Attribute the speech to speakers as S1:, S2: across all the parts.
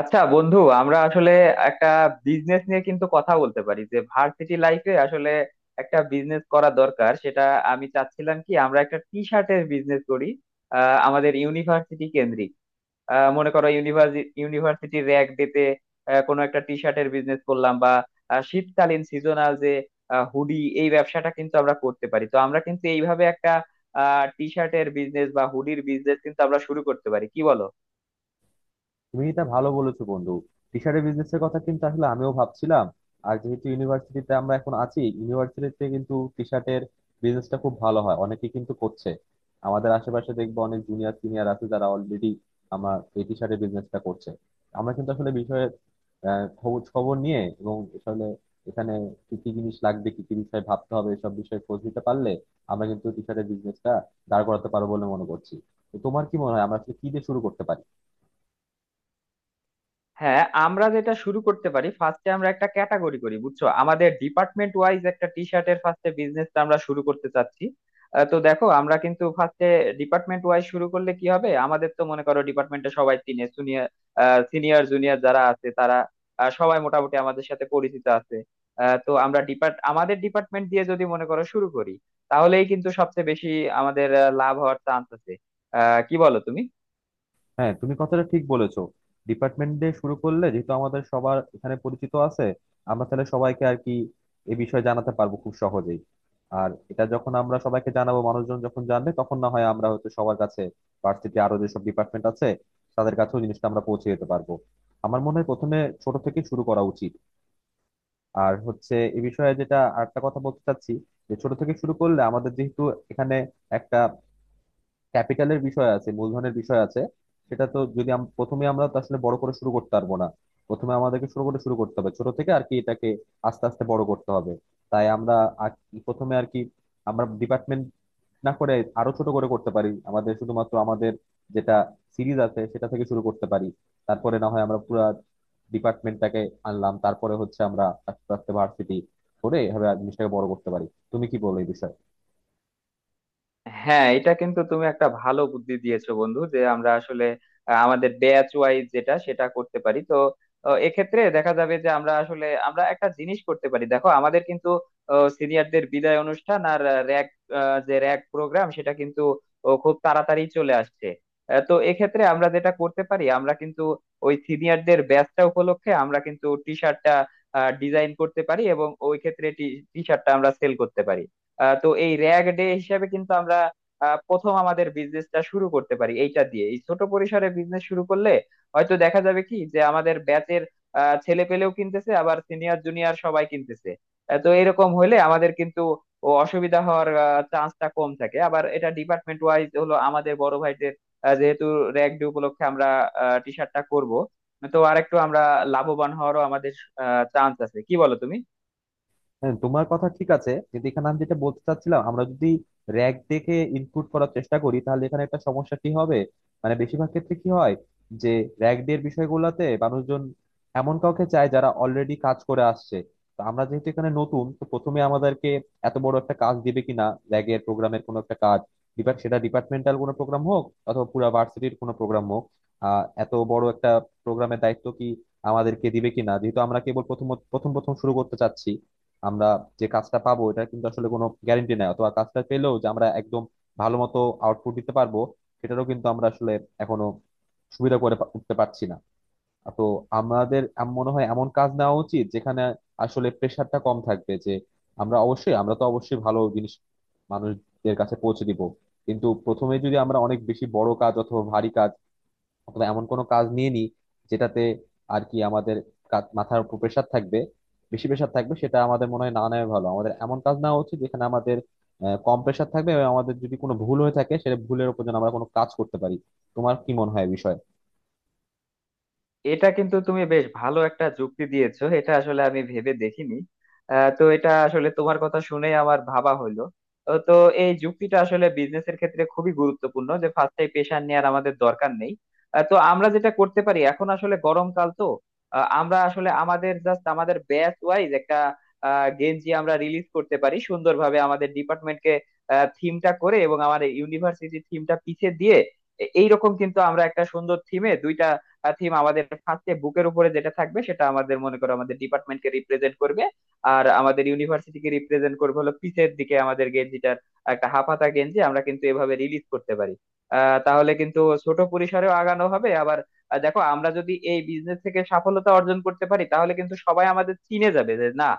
S1: আচ্ছা বন্ধু আমরা আসলে একটা বিজনেস নিয়ে কিন্তু কথা বলতে পারি যে ভার্সিটি লাইফে আসলে একটা বিজনেস করা দরকার। সেটা আমি চাচ্ছিলাম কি আমরা একটা টি শার্টের বিজনেস করি, আমাদের ইউনিভার্সিটি কেন্দ্রিক। মনে করো ইউনিভার্সিটি ইউনিভার্সিটি র্যাগ ডেতে কোনো একটা টি শার্টের বিজনেস করলাম, বা শীতকালীন সিজনাল যে হুডি, এই ব্যবসাটা কিন্তু আমরা করতে পারি। তো আমরা কিন্তু এইভাবে একটা টি শার্টের বিজনেস বা হুডির বিজনেস কিন্তু আমরা শুরু করতে পারি, কি বলো?
S2: তুমি এটা ভালো বলেছো বন্ধু। টি শার্টের বিজনেসের কথা কিন্তু আসলে আমিও ভাবছিলাম। আর যেহেতু ইউনিভার্সিটিতে আমরা এখন আছি, ইউনিভার্সিটিতে কিন্তু টি শার্টের বিজনেসটা খুব ভালো হয়, অনেকে কিন্তু করছে। আমাদের আশেপাশে দেখবো অনেক জুনিয়র সিনিয়র আছে যারা অলরেডি আমার এই টি শার্টের বিজনেসটা করছে। আমরা কিন্তু আসলে বিষয়ে খবর খবর নিয়ে এবং আসলে এখানে কি কি জিনিস লাগবে, কি কি বিষয়ে ভাবতে হবে, এসব বিষয়ে খোঁজ নিতে পারলে আমরা কিন্তু টি শার্টের বিজনেসটা দাঁড় করাতে পারবো বলে মনে করছি। তো তোমার কি মনে হয়, আমরা আসলে কি দিয়ে শুরু করতে পারি?
S1: হ্যাঁ, আমরা যেটা শুরু করতে পারি, ফার্স্টে আমরা একটা ক্যাটাগরি করি, বুঝছো, আমাদের ডিপার্টমেন্ট ওয়াইজ একটা টি শার্টের ফার্স্টে বিজনেসটা আমরা শুরু করতে চাচ্ছি। তো দেখো আমরা কিন্তু ফার্স্টে ডিপার্টমেন্ট ওয়াইজ শুরু করলে কি হবে, আমাদের তো মনে করো ডিপার্টমেন্টে সবাই চিনে। সিনিয়র সিনিয়র জুনিয়র যারা আছে তারা সবাই মোটামুটি আমাদের সাথে পরিচিত আছে। তো আমরা আমাদের ডিপার্টমেন্ট দিয়ে যদি মনে করো শুরু করি, তাহলেই কিন্তু সবচেয়ে বেশি আমাদের লাভ হওয়ার চান্স আছে। কি বলো তুমি?
S2: হ্যাঁ, তুমি কথাটা ঠিক বলেছো। ডিপার্টমেন্ট দিয়ে শুরু করলে যেহেতু আমাদের সবার এখানে পরিচিত আছে, আমরা তাহলে সবাইকে আর কি এ বিষয়ে জানাতে পারবো খুব সহজেই। আর এটা যখন আমরা সবাইকে জানাবো, মানুষজন যখন জানবে, তখন না হয় আমরা হয়তো সবার কাছে, ভার্সিটি আরো যেসব ডিপার্টমেন্ট আছে তাদের কাছেও জিনিসটা আমরা পৌঁছে যেতে পারবো। আমার মনে হয় প্রথমে ছোট থেকে শুরু করা উচিত। আর হচ্ছে এ বিষয়ে যেটা আরেকটা কথা বলতে চাচ্ছি, যে ছোট থেকে শুরু করলে আমাদের যেহেতু এখানে একটা ক্যাপিটালের বিষয় আছে, মূলধনের বিষয় আছে, সেটা তো যদি প্রথমে আমরা তো আসলে বড় করে শুরু করতে পারবো না। প্রথমে আমাদেরকে শুরু করে শুরু করতে হবে ছোট থেকে, আর কি এটাকে আস্তে আস্তে বড় করতে হবে। তাই আমরা আর কি প্রথমে আর কি আমরা ডিপার্টমেন্ট না করে আরো ছোট করে করতে পারি, আমাদের শুধুমাত্র আমাদের যেটা সিরিজ আছে সেটা থেকে শুরু করতে পারি। তারপরে না হয় আমরা পুরো ডিপার্টমেন্টটাকে আনলাম, তারপরে হচ্ছে আমরা আস্তে আস্তে ভার্সিটি করে এভাবে জিনিসটাকে বড় করতে পারি। তুমি কি বলো এই বিষয়ে?
S1: হ্যাঁ, এটা কিন্তু তুমি একটা ভালো বুদ্ধি দিয়েছো বন্ধু, যে আমরা আসলে আমাদের ব্যাচ ওয়াইজ যেটা সেটা করতে পারি। তো এক্ষেত্রে দেখা যাবে যে আমরা আসলে আমরা একটা জিনিস করতে পারি। দেখো আমাদের কিন্তু সিনিয়রদের বিদায় অনুষ্ঠান আর র‍্যাগ, যে র‍্যাগ প্রোগ্রাম সেটা কিন্তু খুব তাড়াতাড়ি চলে আসছে। তো এক্ষেত্রে আমরা যেটা করতে পারি, আমরা কিন্তু ওই সিনিয়রদের ব্যাচটা উপলক্ষে আমরা কিন্তু টি শার্টটা ডিজাইন করতে পারি এবং ওই ক্ষেত্রে টি শার্টটা আমরা সেল করতে পারি। তো এই র্যাগ ডে হিসাবে কিন্তু আমরা প্রথম আমাদের বিজনেসটা শুরু করতে পারি এইটা দিয়ে। এই ছোট পরিসরে বিজনেস শুরু করলে হয়তো দেখা যাবে কি, যে আমাদের ব্যাচের ছেলে পেলেও কিনতেছে, আবার সিনিয়র জুনিয়র সবাই কিনতেছে। তো এরকম হলে আমাদের কিন্তু অসুবিধা হওয়ার চান্সটা কম থাকে। আবার এটা ডিপার্টমেন্ট ওয়াইজ হলো আমাদের বড় ভাইদের যেহেতু র্যাগ ডে উপলক্ষে আমরা টি শার্টটা করব, তো আরেকটু আমরা লাভবান হওয়ারও আমাদের চান্স আছে। কি বলো তুমি?
S2: হ্যাঁ, তোমার কথা ঠিক আছে, কিন্তু এখানে আমি যেটা বলতে চাচ্ছিলাম, আমরা যদি র্যাক দেখে ইনপুট করার চেষ্টা করি তাহলে এখানে একটা সমস্যা কি হবে, মানে বেশিরভাগ ক্ষেত্রে কি হয়, যে র্যাক দের বিষয়গুলোতে মানুষজন এমন কাউকে চায় যারা অলরেডি কাজ করে আসছে। তো আমরা যেহেতু এখানে নতুন, তো প্রথমে আমাদেরকে এত বড় একটা কাজ দিবে কিনা, র্যাগের প্রোগ্রামের কোনো একটা কাজ, সেটা ডিপার্টমেন্টাল কোনো প্রোগ্রাম হোক অথবা পুরো ভার্সিটির কোনো প্রোগ্রাম হোক, এত বড় একটা প্রোগ্রামের দায়িত্ব কি আমাদেরকে দিবে কিনা, যেহেতু আমরা কেবল প্রথম প্রথম প্রথম শুরু করতে চাচ্ছি। আমরা যে কাজটা পাবো এটা কিন্তু আসলে কোনো গ্যারেন্টি নাই, অথবা কাজটা পেলেও যে আমরা একদম ভালো মতো আউটপুট দিতে পারবো সেটারও কিন্তু আমরা আসলে এখনো সুবিধা করে উঠতে পারছি না। তো আমাদের মনে হয় এমন কাজ নেওয়া উচিত যেখানে আসলে প্রেশারটা কম থাকবে। যে আমরা অবশ্যই, আমরা তো অবশ্যই ভালো জিনিস মানুষদের কাছে পৌঁছে দিব, কিন্তু প্রথমে যদি আমরা অনেক বেশি বড় কাজ অথবা ভারী কাজ অথবা এমন কোনো কাজ নিয়ে নিই যেটাতে আর কি আমাদের মাথার উপর প্রেশার থাকবে, বেশি প্রেশার থাকবে, সেটা আমাদের মনে হয় না নেওয়া ভালো। আমাদের এমন কাজ নেওয়া উচিত যেখানে আমাদের কম প্রেশার থাকবে, এবং আমাদের যদি কোনো ভুল হয়ে থাকে সেটা ভুলের উপর যেন আমরা কোনো কাজ করতে পারি। তোমার কি মনে হয় এ বিষয়ে?
S1: এটা কিন্তু তুমি বেশ ভালো একটা যুক্তি দিয়েছো, এটা আসলে আমি ভেবে দেখিনি। তো এটা আসলে তোমার কথা শুনে আমার ভাবা হলো। তো এই যুক্তিটা আসলে বিজনেসের ক্ষেত্রে খুবই গুরুত্বপূর্ণ, যে ফার্স্টে পেশা নেওয়ার আমাদের দরকার নেই। তো আমরা যেটা করতে পারি, এখন আসলে গরমকাল তো আমরা আসলে আমাদের জাস্ট আমাদের ব্যাচ ওয়াইজ একটা গেঞ্জি আমরা রিলিজ করতে পারি সুন্দরভাবে। আমাদের ডিপার্টমেন্টকে থিমটা করে এবং আমাদের ইউনিভার্সিটি থিমটা পিছে দিয়ে, এইরকম কিন্তু আমরা একটা সুন্দর থিমে দুইটা থিম, আমাদের ফার্স্টে বুকের উপরে যেটা থাকবে সেটা আমাদের মনে করো আমাদের ডিপার্টমেন্টকে রিপ্রেজেন্ট করবে, আর আমাদের ইউনিভার্সিটিকে রিপ্রেজেন্ট করবে হলো পিছের দিকে আমাদের গেঞ্জিটার। একটা হাফ হাতা গেঞ্জি আমরা কিন্তু এভাবে রিলিজ করতে পারি। তাহলে কিন্তু ছোট পরিসরেও আগানো হবে। আবার দেখো আমরা যদি এই বিজনেস থেকে সফলতা অর্জন করতে পারি তাহলে কিন্তু সবাই আমাদের চিনে যাবে যে, না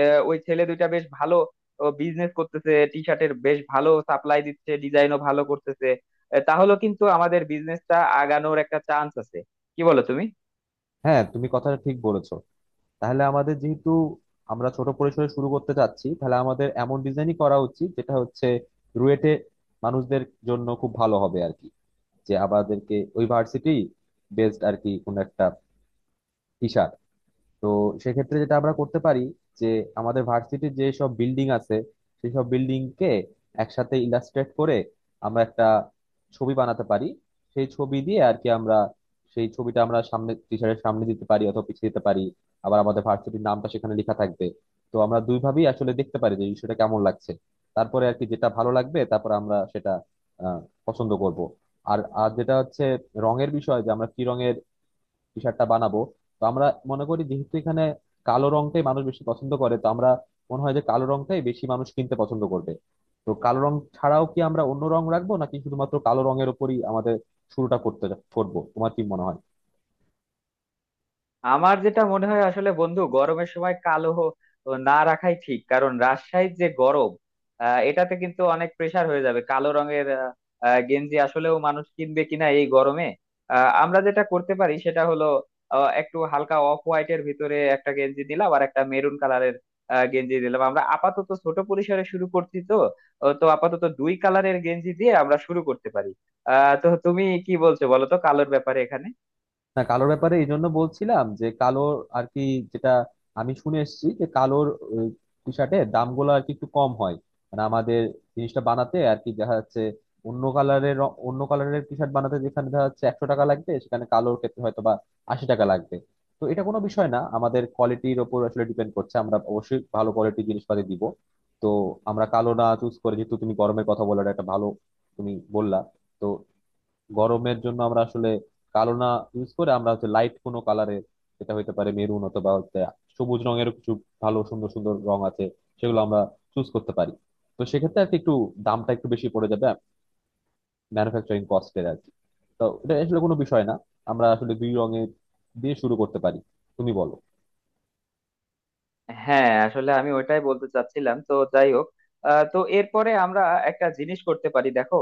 S1: ওই ছেলে দুইটা বেশ ভালো বিজনেস করতেছে, টি শার্টের বেশ ভালো সাপ্লাই দিচ্ছে, ডিজাইনও ভালো করতেছে। তাহলেও কিন্তু আমাদের বিজনেসটা আগানোর একটা চান্স আছে। কি বলো তুমি?
S2: হ্যাঁ, তুমি কথাটা ঠিক বলেছো। তাহলে আমাদের যেহেতু আমরা ছোট পরিসরে শুরু করতে চাচ্ছি, তাহলে আমাদের এমন ডিজাইনই করা উচিত যেটা হচ্ছে রুয়েটে মানুষদের জন্য খুব ভালো হবে আর কি, যে আমাদেরকে ওই ভার্সিটি বেসড আর কি কোন একটা টি। তো সেক্ষেত্রে যেটা আমরা করতে পারি, যে আমাদের ভার্সিটির যে সব বিল্ডিং আছে সেই সব বিল্ডিং কে একসাথে ইলাস্ট্রেট করে আমরা একটা ছবি বানাতে পারি। সেই ছবি দিয়ে আর কি আমরা, সেই ছবিটা আমরা সামনে টিচারের সামনে দিতে পারি অথবা পিছিয়ে দিতে পারি, আবার আমাদের ভার্সিটির নামটা সেখানে লেখা থাকবে। তো আমরা দুইভাবেই আসলে দেখতে পারি যে বিষয়টা কেমন লাগছে, তারপরে আর কি যেটা ভালো লাগবে তারপর আমরা সেটা আহ পছন্দ করব। আর আর যেটা হচ্ছে রঙের বিষয়, যে আমরা কি রঙের টি শার্টটা বানাবো। তো আমরা মনে করি যেহেতু এখানে কালো রংটাই মানুষ বেশি পছন্দ করে, তো আমরা মনে হয় যে কালো রংটাই বেশি মানুষ কিনতে পছন্দ করবে। তো কালো রং ছাড়াও কি আমরা অন্য রং রাখবো, নাকি শুধুমাত্র কালো রঙের উপরই আমাদের শুরুটা করতে করবো? তোমার কি মনে হয়?
S1: আমার যেটা মনে হয় আসলে বন্ধু, গরমের সময় কালো না রাখাই ঠিক, কারণ রাজশাহীর যে গরম এটাতে কিন্তু অনেক প্রেসার হয়ে যাবে। কালো রঙের আহ, আহ, গেঞ্জি আসলেও মানুষ কিনবে কিনা এই গরমে। আমরা যেটা করতে পারি সেটা হলো একটু হালকা অফ হোয়াইটের ভিতরে একটা গেঞ্জি দিলাম আর একটা মেরুন কালারের গেঞ্জি দিলাম। আমরা আপাতত ছোট পরিসরে শুরু করছি তো তো আপাতত দুই কালারের গেঞ্জি দিয়ে আমরা শুরু করতে পারি। তো তুমি কি বলছো বলো তো কালোর ব্যাপারে এখানে?
S2: না, কালোর ব্যাপারে এই জন্য বলছিলাম যে কালোর আর কি, যেটা আমি শুনে এসেছি যে কালোর টি শার্টের দামগুলো আর কি একটু কম হয়। মানে আমাদের জিনিসটা বানাতে আর কি দেখা যাচ্ছে অন্য কালারের, অন্য কালারের টি শার্ট বানাতে যেখানে দেখা যাচ্ছে 100 টাকা লাগবে, সেখানে কালোর ক্ষেত্রে হয়তো বা 80 টাকা লাগবে। তো এটা কোনো বিষয় না, আমাদের কোয়ালিটির ওপর আসলে ডিপেন্ড করছে, আমরা অবশ্যই ভালো কোয়ালিটির জিনিসপাতি দিব। তো আমরা কালো না চুজ করে, যেহেতু তুমি গরমের কথা বলে একটা ভালো তুমি বললা, তো গরমের জন্য আমরা আসলে কালো না ইউজ করে আমরা হচ্ছে লাইট কোনো কালারের, যেটা হইতে পারে মেরুন অথবা হচ্ছে সবুজ রঙের কিছু ভালো, সুন্দর সুন্দর রং আছে, সেগুলো আমরা চুজ করতে পারি। তো সেক্ষেত্রে আর কি একটু দামটা একটু বেশি পড়ে যাবে, ম্যানুফ্যাকচারিং কস্টের আর কি। তো এটা আসলে কোনো বিষয় না, আমরা আসলে দুই রঙের দিয়ে শুরু করতে পারি। তুমি বলো।
S1: হ্যাঁ, আসলে আমি ওইটাই বলতে চাচ্ছিলাম। তো যাই হোক, তো এরপরে আমরা একটা জিনিস করতে পারি। দেখো,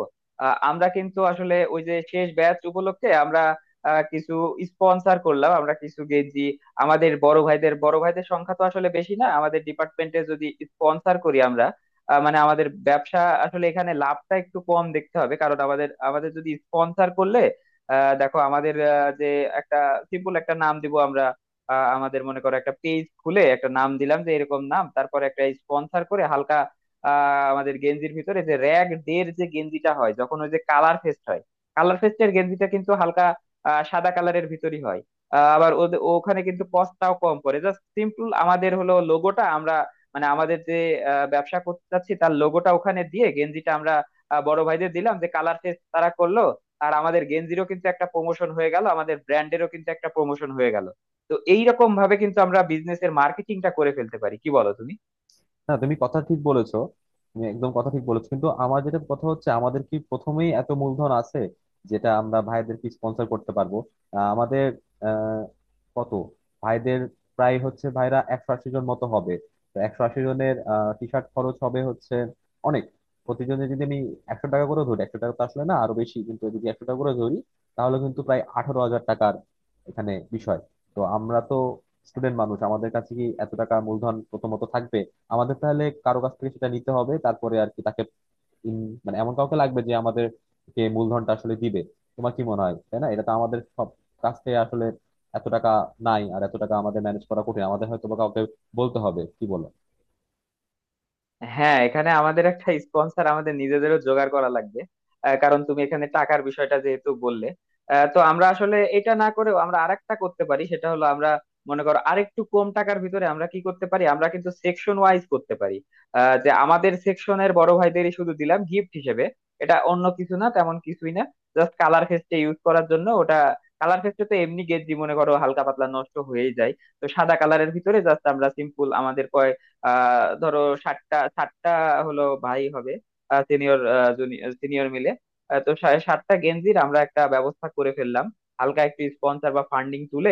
S1: আমরা কিন্তু আসলে ওই যে শেষ ব্যাচ উপলক্ষে আমরা কিছু স্পন্সর করলাম আমরা, কিছু গেঞ্জি আমাদের বড় ভাইদের। বড় ভাইদের সংখ্যা তো আসলে বেশি না আমাদের ডিপার্টমেন্টে, যদি স্পন্সর করি আমরা মানে আমাদের ব্যবসা আসলে এখানে লাভটা একটু কম দেখতে হবে। কারণ আমাদের আমাদের যদি স্পন্সর করলে দেখো আমাদের যে একটা সিম্পল একটা নাম দিব আমরা। আমাদের মনে করো একটা পেজ খুলে একটা নাম দিলাম যে এরকম নাম, তারপর একটা স্পন্সর করে হালকা আমাদের গেঞ্জির ভিতরে, যে র্যাগ ডের যে গেঞ্জিটা হয় যখন ওই যে কালার ফেস্ট হয়, কালার ফেস্টের গেঞ্জিটা কিন্তু হালকা সাদা কালারের ভিতরই হয়। আবার ওখানে কিন্তু কস্টটাও কম পড়ে। জাস্ট সিম্পল আমাদের হলো লোগোটা আমরা, মানে আমাদের যে ব্যবসা করতে চাচ্ছি তার লোগোটা ওখানে দিয়ে গেঞ্জিটা আমরা বড় ভাইদের দিলাম, যে কালার ফেস্ট তারা করলো আর আমাদের গেঞ্জিরও কিন্তু একটা প্রমোশন হয়ে গেল, আমাদের ব্র্যান্ডেরও কিন্তু একটা প্রমোশন হয়ে গেল। তো এইরকম ভাবে কিন্তু আমরা বিজনেসের মার্কেটিংটা করে ফেলতে পারি, কি বলো তুমি?
S2: না, তুমি কথা ঠিক বলেছো, তুমি একদম কথা ঠিক বলেছো, কিন্তু আমার যেটা কথা হচ্ছে, আমাদের কি প্রথমেই এত মূলধন আছে যেটা আমরা ভাইদেরকে স্পন্সর করতে পারবো? আমাদের কত ভাইদের, প্রায় হচ্ছে ভাইরা 180 জন মতো হবে। তো 180 জনের টি শার্ট খরচ হবে হচ্ছে অনেক। প্রতিজনে যদি আমি 100 টাকা করে ধরি, 100 টাকা তো আসলে না, আরো বেশি, কিন্তু যদি 100 টাকা করে ধরি তাহলে কিন্তু প্রায় 18,000 টাকার এখানে বিষয়। তো আমরা তো স্টুডেন্ট মানুষ, আমাদের কাছে কি এত টাকা মূলধন প্রথমত থাকবে? আমাদের তাহলে কারো কাছ থেকে সেটা নিতে হবে, তারপরে আর কি তাকে ইন মানে এমন কাউকে লাগবে যে আমাদেরকে মূলধনটা আসলে দিবে। তোমার কি মনে হয়, তাই না? এটা তো আমাদের সব কাছ থেকে আসলে এত টাকা নাই, আর এত টাকা আমাদের ম্যানেজ করা কঠিন, আমাদের হয়তো বা কাউকে বলতে হবে। কি বলো?
S1: হ্যাঁ, এখানে আমাদের একটা স্পন্সর আমাদের নিজেদেরও জোগাড় করা লাগবে কারণ তুমি এখানে টাকার বিষয়টা যেহেতু বললে। তো আমরা আসলে এটা না করেও আমরা আরেকটা করতে পারি, সেটা হলো আমরা মনে করো আরেকটু কম টাকার ভিতরে আমরা কি করতে পারি, আমরা কিন্তু সেকশন ওয়াইজ করতে পারি। যে আমাদের সেকশনের বড় ভাইদেরই শুধু দিলাম গিফট হিসেবে, এটা অন্য কিছু না, তেমন কিছুই না, জাস্ট কালার ফেস্টে ইউজ করার জন্য ওটা। কালার ফেস্টে তো এমনি গেঞ্জি মনে করো হালকা পাতলা নষ্ট হয়েই যায়। তো সাদা কালারের ভিতরে জাস্ট আমরা সিম্পল আমাদের ধরো ষাটটা ষাটটা হলো ভাই হবে, সিনিয়র সিনিয়র মিলে। তো 60টা গেঞ্জির আমরা একটা ব্যবস্থা করে ফেললাম, হালকা একটু স্পন্সর বা ফান্ডিং তুলে।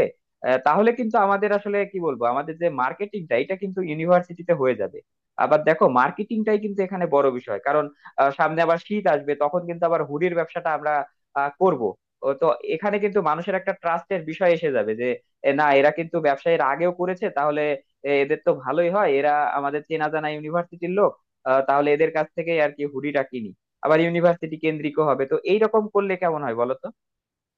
S1: তাহলে কিন্তু আমাদের আসলে কি বলবো, আমাদের যে মার্কেটিংটা এটা কিন্তু ইউনিভার্সিটিতে হয়ে যাবে। আবার দেখো মার্কেটিংটাই কিন্তু এখানে বড় বিষয়, কারণ সামনে আবার শীত আসবে, তখন কিন্তু আবার হুডির ব্যবসাটা আমরা করব। তো এখানে কিন্তু মানুষের একটা ট্রাস্টের বিষয় এসে যাবে, যে না এরা কিন্তু ব্যবসায়ীর আগেও করেছে, তাহলে এদের তো ভালোই হয়, এরা আমাদের চেনা জানা ইউনিভার্সিটির লোক। তাহলে এদের কাছ থেকে আর কি হুডিটা কিনি, আবার ইউনিভার্সিটি কেন্দ্রিক হবে। তো এইরকম করলে কেমন হয় বলো তো?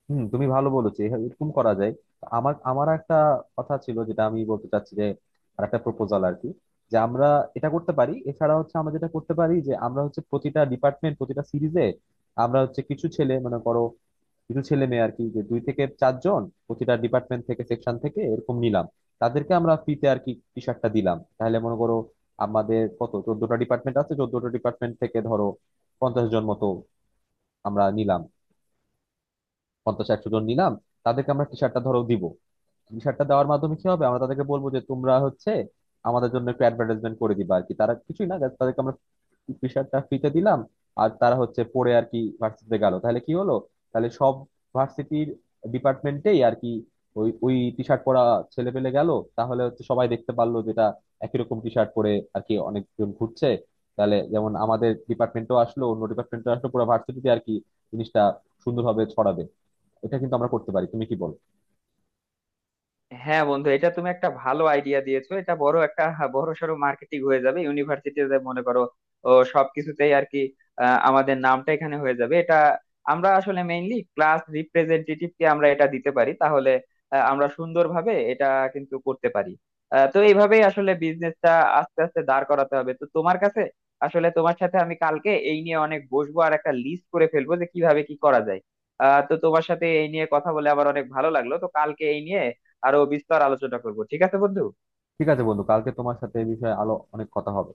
S2: হুম, তুমি ভালো বলেছো, এরকম করা যায়। তো আমার আমার একটা কথা ছিল যেটা আমি বলতে চাচ্ছি, যে আর একটা প্রপোজাল আর কি, যে আমরা এটা করতে পারি। এছাড়া হচ্ছে আমরা যেটা করতে পারি, যে আমরা হচ্ছে প্রতিটা ডিপার্টমেন্ট প্রতিটা সিরিজে, আমরা হচ্ছে কিছু ছেলে, মনে করো কিছু ছেলে মেয়ে আর কি, যে 2 থেকে 4 জন প্রতিটা ডিপার্টমেন্ট থেকে সেকশন থেকে এরকম নিলাম, তাদেরকে আমরা ফ্রিতে আর কি টি শার্টটা দিলাম। তাহলে মনে করো, আমাদের কত 14টা ডিপার্টমেন্ট আছে, 14টা ডিপার্টমেন্ট থেকে ধরো 50 জন মতো আমরা নিলাম, 50, 100 জন নিলাম, তাদেরকে আমরা টি শার্টটা ধরো দিব। টি শার্টটা দেওয়ার মাধ্যমে কি হবে, আমরা তাদেরকে বলবো যে তোমরা হচ্ছে আমাদের জন্য একটু অ্যাডভার্টাইজমেন্ট করে দিবা আর কি। তারা কিছুই না, just তাদেরকে আমরা প্রেশারটা ফ্রিতে দিলাম, আর তারা হচ্ছে পড়ে আর কি ভার্সিটিতে গেল। তাহলে কি হলো, তাহলে সব ভার্সিটির ডিপার্টমেন্টেই আর কি ওই ওই টি শার্ট পরা ছেলে পেলে গেল। তাহলে হচ্ছে সবাই দেখতে পারলো, যেটা একই রকম টি শার্ট পরে আর কি অনেকজন ঘুরছে। তাহলে যেমন আমাদের ডিপার্টমেন্টও আসলো, অন্য ডিপার্টমেন্টও আসলো, পুরো ভার্সিটিতে আর কি জিনিসটা সুন্দরভাবে ছড়াবে। এটা কিন্তু আমরা করতে পারি, তুমি কি বলো?
S1: হ্যাঁ বন্ধু, এটা তুমি একটা ভালো আইডিয়া দিয়েছো। এটা বড় একটা, হ্যাঁ, বড় সড়ো মার্কেটিং হয়ে যাবে ইউনিভার্সিটিতে। মনে করো সবকিছুতেই আর কি আমাদের নামটা এখানে হয়ে যাবে। এটা আমরা আসলে মেইনলি ক্লাস রিপ্রেজেন্টেটিভ কে আমরা এটা দিতে পারি, তাহলে আমরা সুন্দরভাবে এটা কিন্তু করতে পারি। তো এইভাবেই আসলে বিজনেসটা আস্তে আস্তে দাঁড় করাতে হবে। তো তোমার কাছে আসলে, তোমার সাথে আমি কালকে এই নিয়ে অনেক বসবো আর একটা লিস্ট করে ফেলবো যে কিভাবে কি করা যায়। তো তোমার সাথে এই নিয়ে কথা বলে আবার অনেক ভালো লাগলো। তো কালকে এই নিয়ে আরো বিস্তার আলোচনা করব, ঠিক আছে বন্ধু।
S2: ঠিক আছে বন্ধু, কালকে তোমার সাথে এই বিষয়ে আলো অনেক কথা হবে।